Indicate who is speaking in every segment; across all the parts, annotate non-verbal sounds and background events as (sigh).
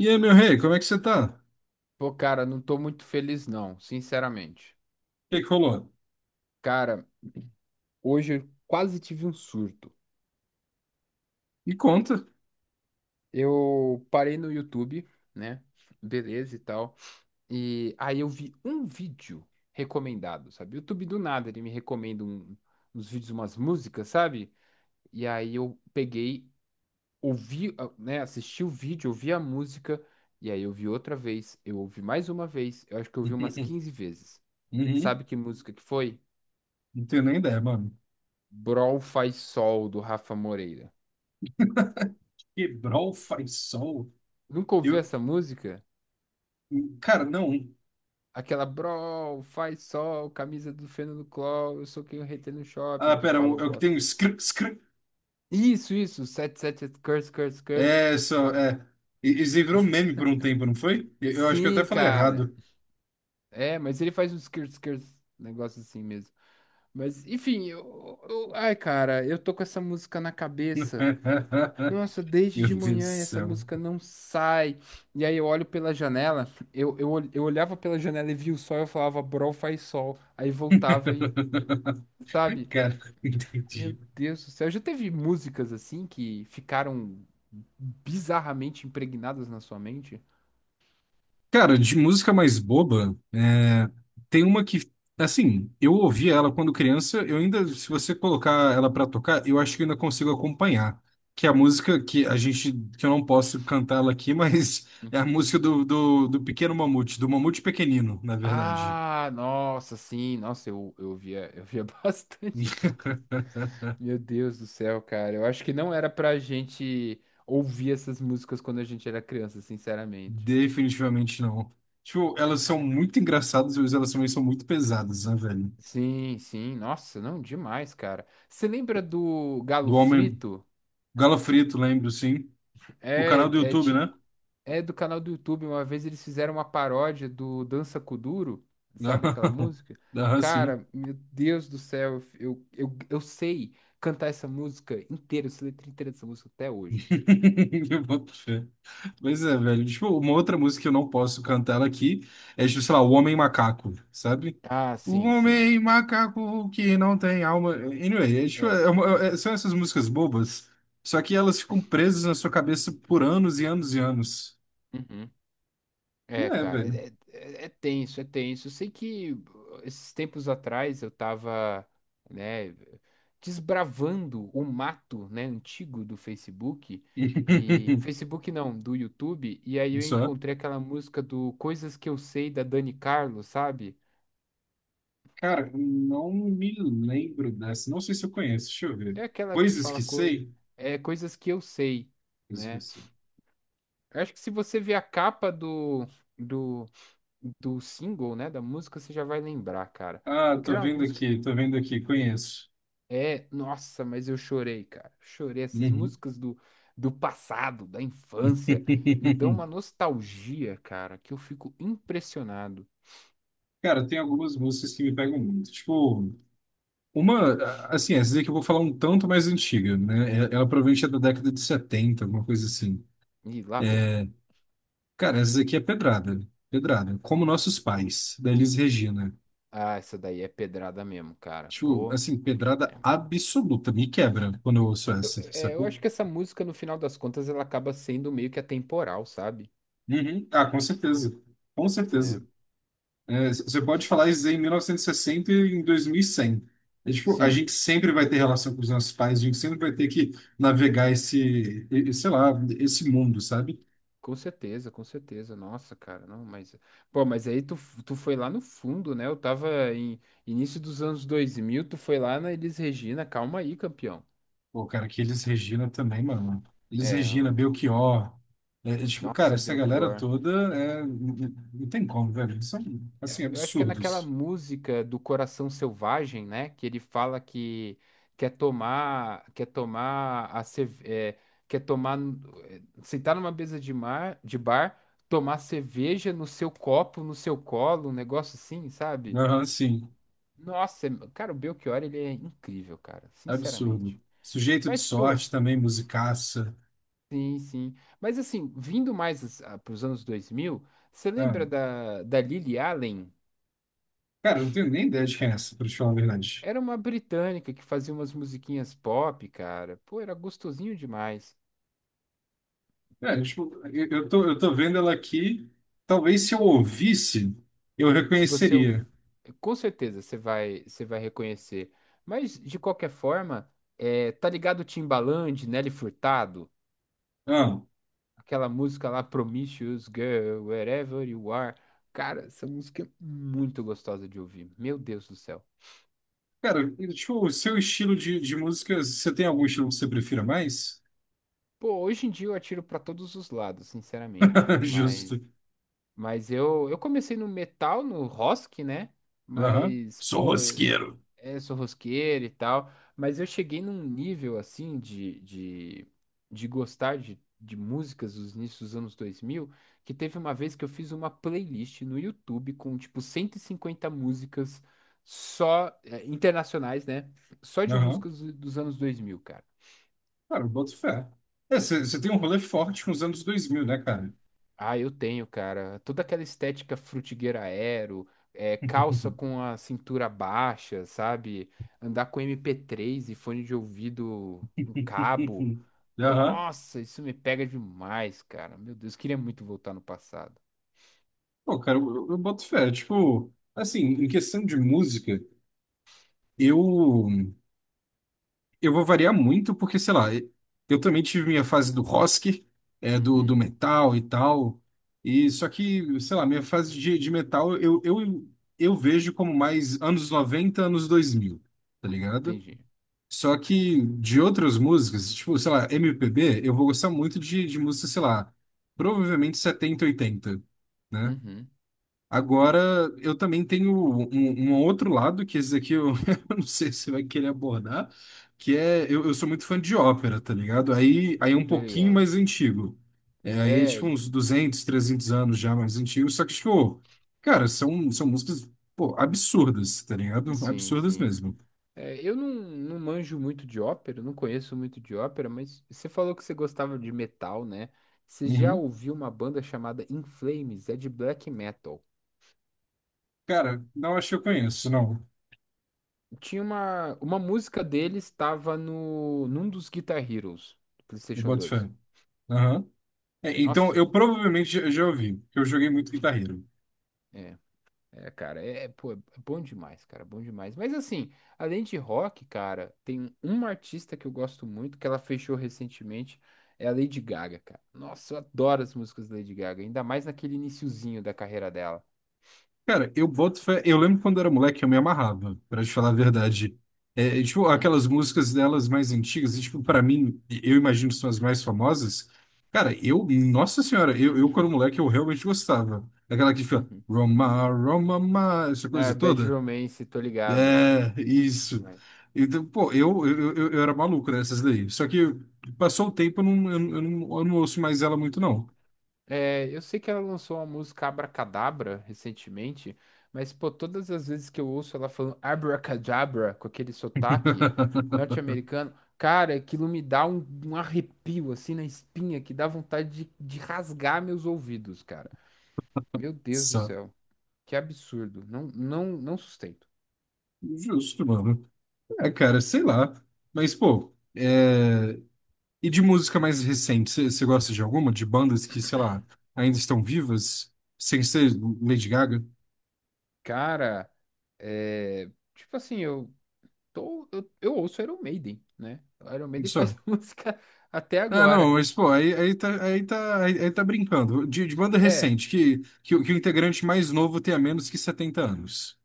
Speaker 1: E aí, meu rei, como é que você tá? O
Speaker 2: Pô, cara, não tô muito feliz, não, sinceramente.
Speaker 1: que que rolou?
Speaker 2: Cara, hoje eu quase tive um surto.
Speaker 1: Me conta.
Speaker 2: Eu parei no YouTube, né? Beleza e tal. E aí eu vi um vídeo recomendado, sabe? YouTube do nada, ele me recomenda uns vídeos, umas músicas, sabe? E aí eu peguei, ouvi, ah, né? Assisti o vídeo, ouvi a música, e aí eu vi outra vez, eu ouvi mais uma vez, eu acho que eu ouvi umas
Speaker 1: (laughs)
Speaker 2: 15 vezes.
Speaker 1: Uhum.
Speaker 2: Sabe que música que foi?
Speaker 1: Não tenho nem ideia, mano.
Speaker 2: Brol Faz Sol, do Rafa Moreira.
Speaker 1: Quebrou o Faisal?
Speaker 2: Nunca ouviu
Speaker 1: Eu...
Speaker 2: essa música?
Speaker 1: Cara, não.
Speaker 2: Aquela Brol Faz Sol, camisa do Fernando Cló, eu sou quem eu retei no shopping,
Speaker 1: Ah,
Speaker 2: que
Speaker 1: pera,
Speaker 2: fala o
Speaker 1: é o que
Speaker 2: bosta.
Speaker 1: tem um scr...
Speaker 2: Isso, 77 Curse, Curse, Curse.
Speaker 1: É, só... É. Isso aí virou meme por um tempo, não foi? Eu acho que eu até
Speaker 2: Sim,
Speaker 1: falei
Speaker 2: cara.
Speaker 1: errado.
Speaker 2: É, mas ele faz uns Curse, Curse, negócio assim mesmo. Mas, enfim, ai, cara, eu tô com essa música na cabeça. Nossa,
Speaker 1: (laughs)
Speaker 2: desde
Speaker 1: Meu Deus
Speaker 2: de
Speaker 1: do
Speaker 2: manhã essa
Speaker 1: céu.
Speaker 2: música não sai. E aí eu olho pela janela, eu olhava pela janela e via o sol, eu falava, bro, faz sol. Aí voltava e,
Speaker 1: (laughs)
Speaker 2: sabe?
Speaker 1: Cara,
Speaker 2: Meu
Speaker 1: entendi.
Speaker 2: Deus do céu, já teve músicas assim que ficaram bizarramente impregnadas na sua mente?
Speaker 1: Cara, de música mais boba, é, tem uma que, assim, eu ouvi ela quando criança, eu ainda, se você colocar ela pra tocar, eu acho que eu ainda consigo acompanhar. Que é a música que a gente, que eu não posso cantá-la aqui, (laughs) mas é a
Speaker 2: Uhum.
Speaker 1: música do, do Pequeno Mamute, do Mamute Pequenino, na verdade.
Speaker 2: Ah, nossa, sim, nossa, eu via (laughs) bastante essa.
Speaker 1: (laughs)
Speaker 2: Meu Deus do céu, cara, eu acho que não era pra gente ouvir essas músicas quando a gente era criança, sinceramente.
Speaker 1: Definitivamente não. Tipo, elas são muito engraçadas, mas elas também são muito pesadas, né, velho?
Speaker 2: Sim, sim, nossa, não, demais, cara. Você lembra do Galo
Speaker 1: Do Homem
Speaker 2: Frito?
Speaker 1: Galo Frito, lembro, sim. O
Speaker 2: É,
Speaker 1: canal do
Speaker 2: é,
Speaker 1: YouTube,
Speaker 2: ti-
Speaker 1: né?
Speaker 2: é do canal do YouTube. Uma vez eles fizeram uma paródia do Dança com o Duro,
Speaker 1: Não,
Speaker 2: sabe aquela
Speaker 1: (laughs)
Speaker 2: música?
Speaker 1: não, assim.
Speaker 2: Cara, meu Deus do céu, eu sei cantar essa música inteira, eu sei a letra inteira dessa música até hoje.
Speaker 1: (laughs) Eu boto fé. Mas é, velho. Tipo, uma outra música que eu não posso cantar ela aqui é, tipo, sei lá, O Homem Macaco, sabe?
Speaker 2: Ah,
Speaker 1: O
Speaker 2: sim, sim.
Speaker 1: Homem Macaco que não tem alma. Anyway, é, tipo,
Speaker 2: É, não-
Speaker 1: são essas músicas bobas, só que elas ficam presas na sua cabeça por anos e anos e anos.
Speaker 2: Uhum.
Speaker 1: E
Speaker 2: É,
Speaker 1: É,
Speaker 2: cara,
Speaker 1: velho.
Speaker 2: é é- tenso, é tenso. Eu sei que esses tempos atrás eu tava, né, desbravando o mato, né, antigo do Facebook e
Speaker 1: (laughs)
Speaker 2: Facebook não, do YouTube, e aí eu
Speaker 1: Só.
Speaker 2: encontrei aquela música do Coisas que eu sei da Dani Carlos, sabe?
Speaker 1: Cara, não me lembro dessa. Não sei se eu conheço. Deixa eu ver.
Speaker 2: É aquela que
Speaker 1: Coisas
Speaker 2: fala
Speaker 1: que
Speaker 2: co...
Speaker 1: sei.
Speaker 2: é coisas que eu sei,
Speaker 1: Coisas que eu
Speaker 2: né?
Speaker 1: sei.
Speaker 2: Eu acho que se você ver a capa do do do single, né, da música, você já vai lembrar, cara.
Speaker 1: Ah,
Speaker 2: Porque era uma música.
Speaker 1: tô vendo aqui, conheço.
Speaker 2: É, nossa, mas eu chorei, cara. Chorei. Essas
Speaker 1: Uhum.
Speaker 2: músicas do passado, da infância, me dão
Speaker 1: (laughs)
Speaker 2: uma nostalgia, cara, que eu fico impressionado.
Speaker 1: Cara, tem algumas músicas que me pegam muito. Tipo, uma, assim, essa daqui eu vou falar um tanto mais antiga, né? Ela provavelmente é da década de 70, alguma coisa assim.
Speaker 2: E lá vem.
Speaker 1: Cara, essa daqui é pedrada, pedrada. Como Nossos Pais, da Elis Regina.
Speaker 2: Ah, essa daí é pedrada mesmo, cara.
Speaker 1: Tipo,
Speaker 2: Pô,
Speaker 1: assim, pedrada
Speaker 2: é,
Speaker 1: absoluta. Me
Speaker 2: sim.
Speaker 1: quebra quando eu ouço
Speaker 2: Eu,
Speaker 1: essa,
Speaker 2: é, eu
Speaker 1: sacou?
Speaker 2: acho que essa música, no final das contas, ela acaba sendo meio que atemporal, sabe?
Speaker 1: Uhum. Ah, com certeza. Com
Speaker 2: É,
Speaker 1: certeza. É, você pode falar isso em 1960 e sessenta e em 2100. É, tipo, a
Speaker 2: sim.
Speaker 1: gente sempre vai ter relação com os nossos pais, a gente sempre vai ter que navegar esse, e, sei lá, esse mundo, sabe?
Speaker 2: Com certeza, com certeza. Nossa, cara, não, mas. Pô, mas aí tu foi lá no fundo, né? Eu tava em início dos anos 2000, tu foi lá na Elis Regina, calma aí, campeão.
Speaker 1: Pô, cara, que eles Regina também, mano. Eles
Speaker 2: É,
Speaker 1: Regina, Belchior. É, tipo, cara,
Speaker 2: nossa,
Speaker 1: essa galera
Speaker 2: Belchior.
Speaker 1: toda é, não tem como, velho. Eles são,
Speaker 2: É,
Speaker 1: assim,
Speaker 2: eu acho que é naquela
Speaker 1: absurdos.
Speaker 2: música do Coração Selvagem, né? Que ele fala que quer tomar, quer tomar a cerve- é, quer tomar, sentar numa mesa de mar, de bar, tomar cerveja no seu copo, no seu colo, um negócio assim, sabe?
Speaker 1: Aham, sim,
Speaker 2: Nossa, cara, o Belchior, ele é incrível, cara,
Speaker 1: absurdo.
Speaker 2: sinceramente.
Speaker 1: Sujeito de
Speaker 2: Mas, pô,
Speaker 1: sorte também, musicaça.
Speaker 2: sim, sim. Mas, assim, vindo mais para os anos 2000, você
Speaker 1: Ah,
Speaker 2: lembra da Lily Allen?
Speaker 1: cara, eu não tenho nem ideia de quem é essa, pra te falar a verdade.
Speaker 2: Era uma britânica que fazia umas musiquinhas pop, cara. Pô, era gostosinho demais.
Speaker 1: É, tipo, eu tô vendo ela aqui. Talvez se eu ouvisse, eu
Speaker 2: Se você... ouv-
Speaker 1: reconheceria.
Speaker 2: Com certeza você vai reconhecer. Mas, de qualquer forma, é, tá ligado o Timbaland, Nelly Furtado?
Speaker 1: Ah,
Speaker 2: Aquela música lá, Promiscuous Girl, Wherever You Are. Cara, essa música é muito gostosa de ouvir. Meu Deus do céu.
Speaker 1: cara, tipo, o seu estilo de música, você tem algum estilo que você prefira mais?
Speaker 2: Pô, hoje em dia eu atiro pra todos os lados, sinceramente.
Speaker 1: (laughs)
Speaker 2: Mas
Speaker 1: Justo.
Speaker 2: Mas eu comecei no metal, no rock, né?
Speaker 1: Aham.
Speaker 2: Mas,
Speaker 1: Sou
Speaker 2: pô,
Speaker 1: rosqueiro.
Speaker 2: sou rosqueiro e tal. Mas eu cheguei num nível, assim, de gostar de músicas dos inícios dos anos 2000 que teve uma vez que eu fiz uma playlist no YouTube com, tipo, 150 músicas só, internacionais, né? Só de
Speaker 1: Aham.
Speaker 2: músicas dos anos 2000.
Speaker 1: Cara, eu boto fé. É, você tem um rolê forte com os anos 2000 né, cara?
Speaker 2: Ah, eu tenho, cara. Toda aquela estética frutigueira aero, calça
Speaker 1: (laughs)
Speaker 2: com a cintura baixa, sabe? Andar com MP3, e fone de ouvido com cabo.
Speaker 1: Aham.
Speaker 2: Nossa, isso me pega demais, cara. Meu Deus, queria muito voltar no passado.
Speaker 1: Pô, cara, eu boto fé. Tipo, assim, em questão de música, eu. Eu vou variar muito, porque, sei lá, eu também tive minha fase do rock, é, do
Speaker 2: Uhum,
Speaker 1: metal e tal. E só que, sei lá, minha fase de metal eu vejo como mais anos 90 anos 2000 tá ligado?
Speaker 2: entendi.
Speaker 1: Só que de outras músicas, tipo, sei lá, MPB, eu vou gostar muito de música, sei lá, provavelmente 70 80, né?
Speaker 2: Uhum,
Speaker 1: Agora, eu também tenho um outro lado, que esse aqui eu, (laughs) eu não sei se você vai querer abordar, que é, eu sou muito fã de ópera, tá ligado? Aí é um
Speaker 2: tô
Speaker 1: pouquinho
Speaker 2: ligado.
Speaker 1: mais antigo. É, aí é tipo
Speaker 2: É,
Speaker 1: uns 200 300 anos já mais antigo, só que tipo, cara, são músicas, pô, absurdas, tá ligado?
Speaker 2: sim,
Speaker 1: Absurdas
Speaker 2: sim.
Speaker 1: mesmo.
Speaker 2: É, eu não manjo muito de ópera, não conheço muito de ópera, mas você falou que você gostava de metal, né? Você já
Speaker 1: Uhum.
Speaker 2: ouviu uma banda chamada In Flames? É de black metal.
Speaker 1: Cara, não acho que eu conheço, não.
Speaker 2: Tinha uma música deles, estava no, num dos Guitar Heroes do
Speaker 1: Eu
Speaker 2: PlayStation
Speaker 1: boto
Speaker 2: 2.
Speaker 1: fé. Aham. É, então,
Speaker 2: Nossa,
Speaker 1: eu provavelmente já já ouvi, porque eu joguei muito guitarreiro.
Speaker 2: é. É, cara, pô, é bom demais, cara, bom demais. Mas assim, além de rock, cara, tem uma artista que eu gosto muito, que ela fechou recentemente, é a Lady Gaga, cara. Nossa, eu adoro as músicas da Lady Gaga, ainda mais naquele iniciozinho da carreira dela.
Speaker 1: Cara, eu boto fé. Eu lembro quando era moleque, eu me amarrava, pra te falar a verdade. É, tipo,
Speaker 2: Uhum,
Speaker 1: aquelas músicas delas mais antigas, e, tipo, pra mim, eu imagino que são as mais famosas. Cara, eu, nossa senhora, eu quando moleque, eu realmente gostava. Aquela que fica
Speaker 2: uhum.
Speaker 1: Roma, Roma, ma", essa coisa
Speaker 2: Ah, Bad
Speaker 1: toda.
Speaker 2: Romance, tô ligado.
Speaker 1: É, isso. Então, pô, eu era maluco nessas daí. Só que passou o tempo, eu não ouço mais ela muito, não.
Speaker 2: É, eu sei que ela lançou uma música Abracadabra recentemente, mas pô, todas as vezes que eu ouço ela falando Abracadabra com aquele sotaque
Speaker 1: (laughs)
Speaker 2: norte-americano, cara, aquilo me dá um arrepio assim na espinha que dá vontade de rasgar meus ouvidos, cara. Meu Deus do
Speaker 1: Só.
Speaker 2: céu, que absurdo. Não, não, não sustento.
Speaker 1: Justo, mano. É, cara, sei lá. Mas, pô, é... e de música mais recente, você gosta de alguma? De bandas que, sei lá, ainda estão vivas? Sem ser Lady Gaga?
Speaker 2: Cara, é, tipo assim, eu ouço Iron Maiden, né? Iron Maiden faz
Speaker 1: Só.
Speaker 2: (laughs) música até
Speaker 1: Ah, não,
Speaker 2: agora.
Speaker 1: mas, pô, aí tá brincando. De banda
Speaker 2: É,
Speaker 1: recente, o que o integrante mais novo tenha menos que 70 anos.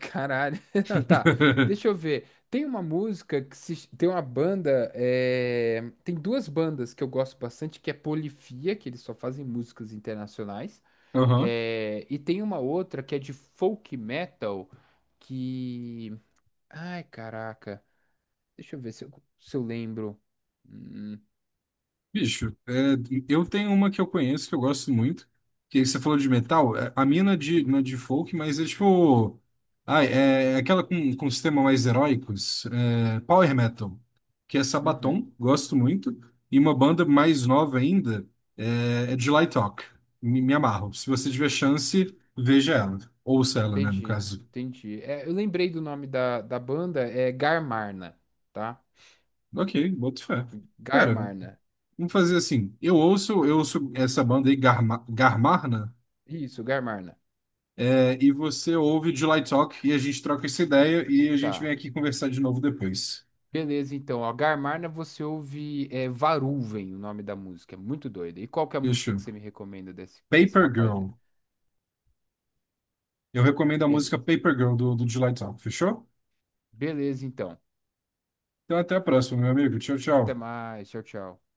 Speaker 2: caralho. (laughs) Não, tá, deixa
Speaker 1: (laughs)
Speaker 2: eu ver. Tem uma música que se... Tem uma banda. Tem duas bandas que eu gosto bastante, que é Polifia, que eles só fazem músicas internacionais.
Speaker 1: Aham.
Speaker 2: E tem uma outra que é de folk metal, que. Ai, caraca. Deixa eu ver se eu lembro. Hum,
Speaker 1: Bicho, é, eu tenho uma que eu conheço que eu gosto muito, que você falou de metal, é, a minha não é de,
Speaker 2: hum,
Speaker 1: não é de folk, mas é tipo. Ai, é aquela com um sistema mais heróicos, é, Power Metal, que é
Speaker 2: Uhum.
Speaker 1: Sabaton, gosto muito, e uma banda mais nova ainda é July Talk, me amarro. Se você tiver chance, veja ela, ouça ela, né, no
Speaker 2: Entendi,
Speaker 1: caso.
Speaker 2: entendi. É, eu lembrei do nome da banda, é Garmarna, tá?
Speaker 1: Ok, boto fé. Pera,
Speaker 2: Garmarna.
Speaker 1: vamos fazer assim, eu ouço essa banda aí, Garmarna.
Speaker 2: Isso, Garmarna.
Speaker 1: É, e você ouve o July Talk e a gente troca essa ideia e a gente vem
Speaker 2: Tá.
Speaker 1: aqui conversar de novo depois.
Speaker 2: Beleza, então, ó, Garmarna você ouve, Varuven, o nome da música, é muito doida. E qual que é a música que
Speaker 1: Fechou?
Speaker 2: você me recomenda desse
Speaker 1: Paper
Speaker 2: rapaz aí?
Speaker 1: Girl. Eu recomendo a música
Speaker 2: Beleza.
Speaker 1: Paper Girl do July Talk, fechou?
Speaker 2: Beleza, então.
Speaker 1: Então até a próxima, meu amigo. Tchau,
Speaker 2: Até
Speaker 1: tchau.
Speaker 2: mais, tchau, tchau.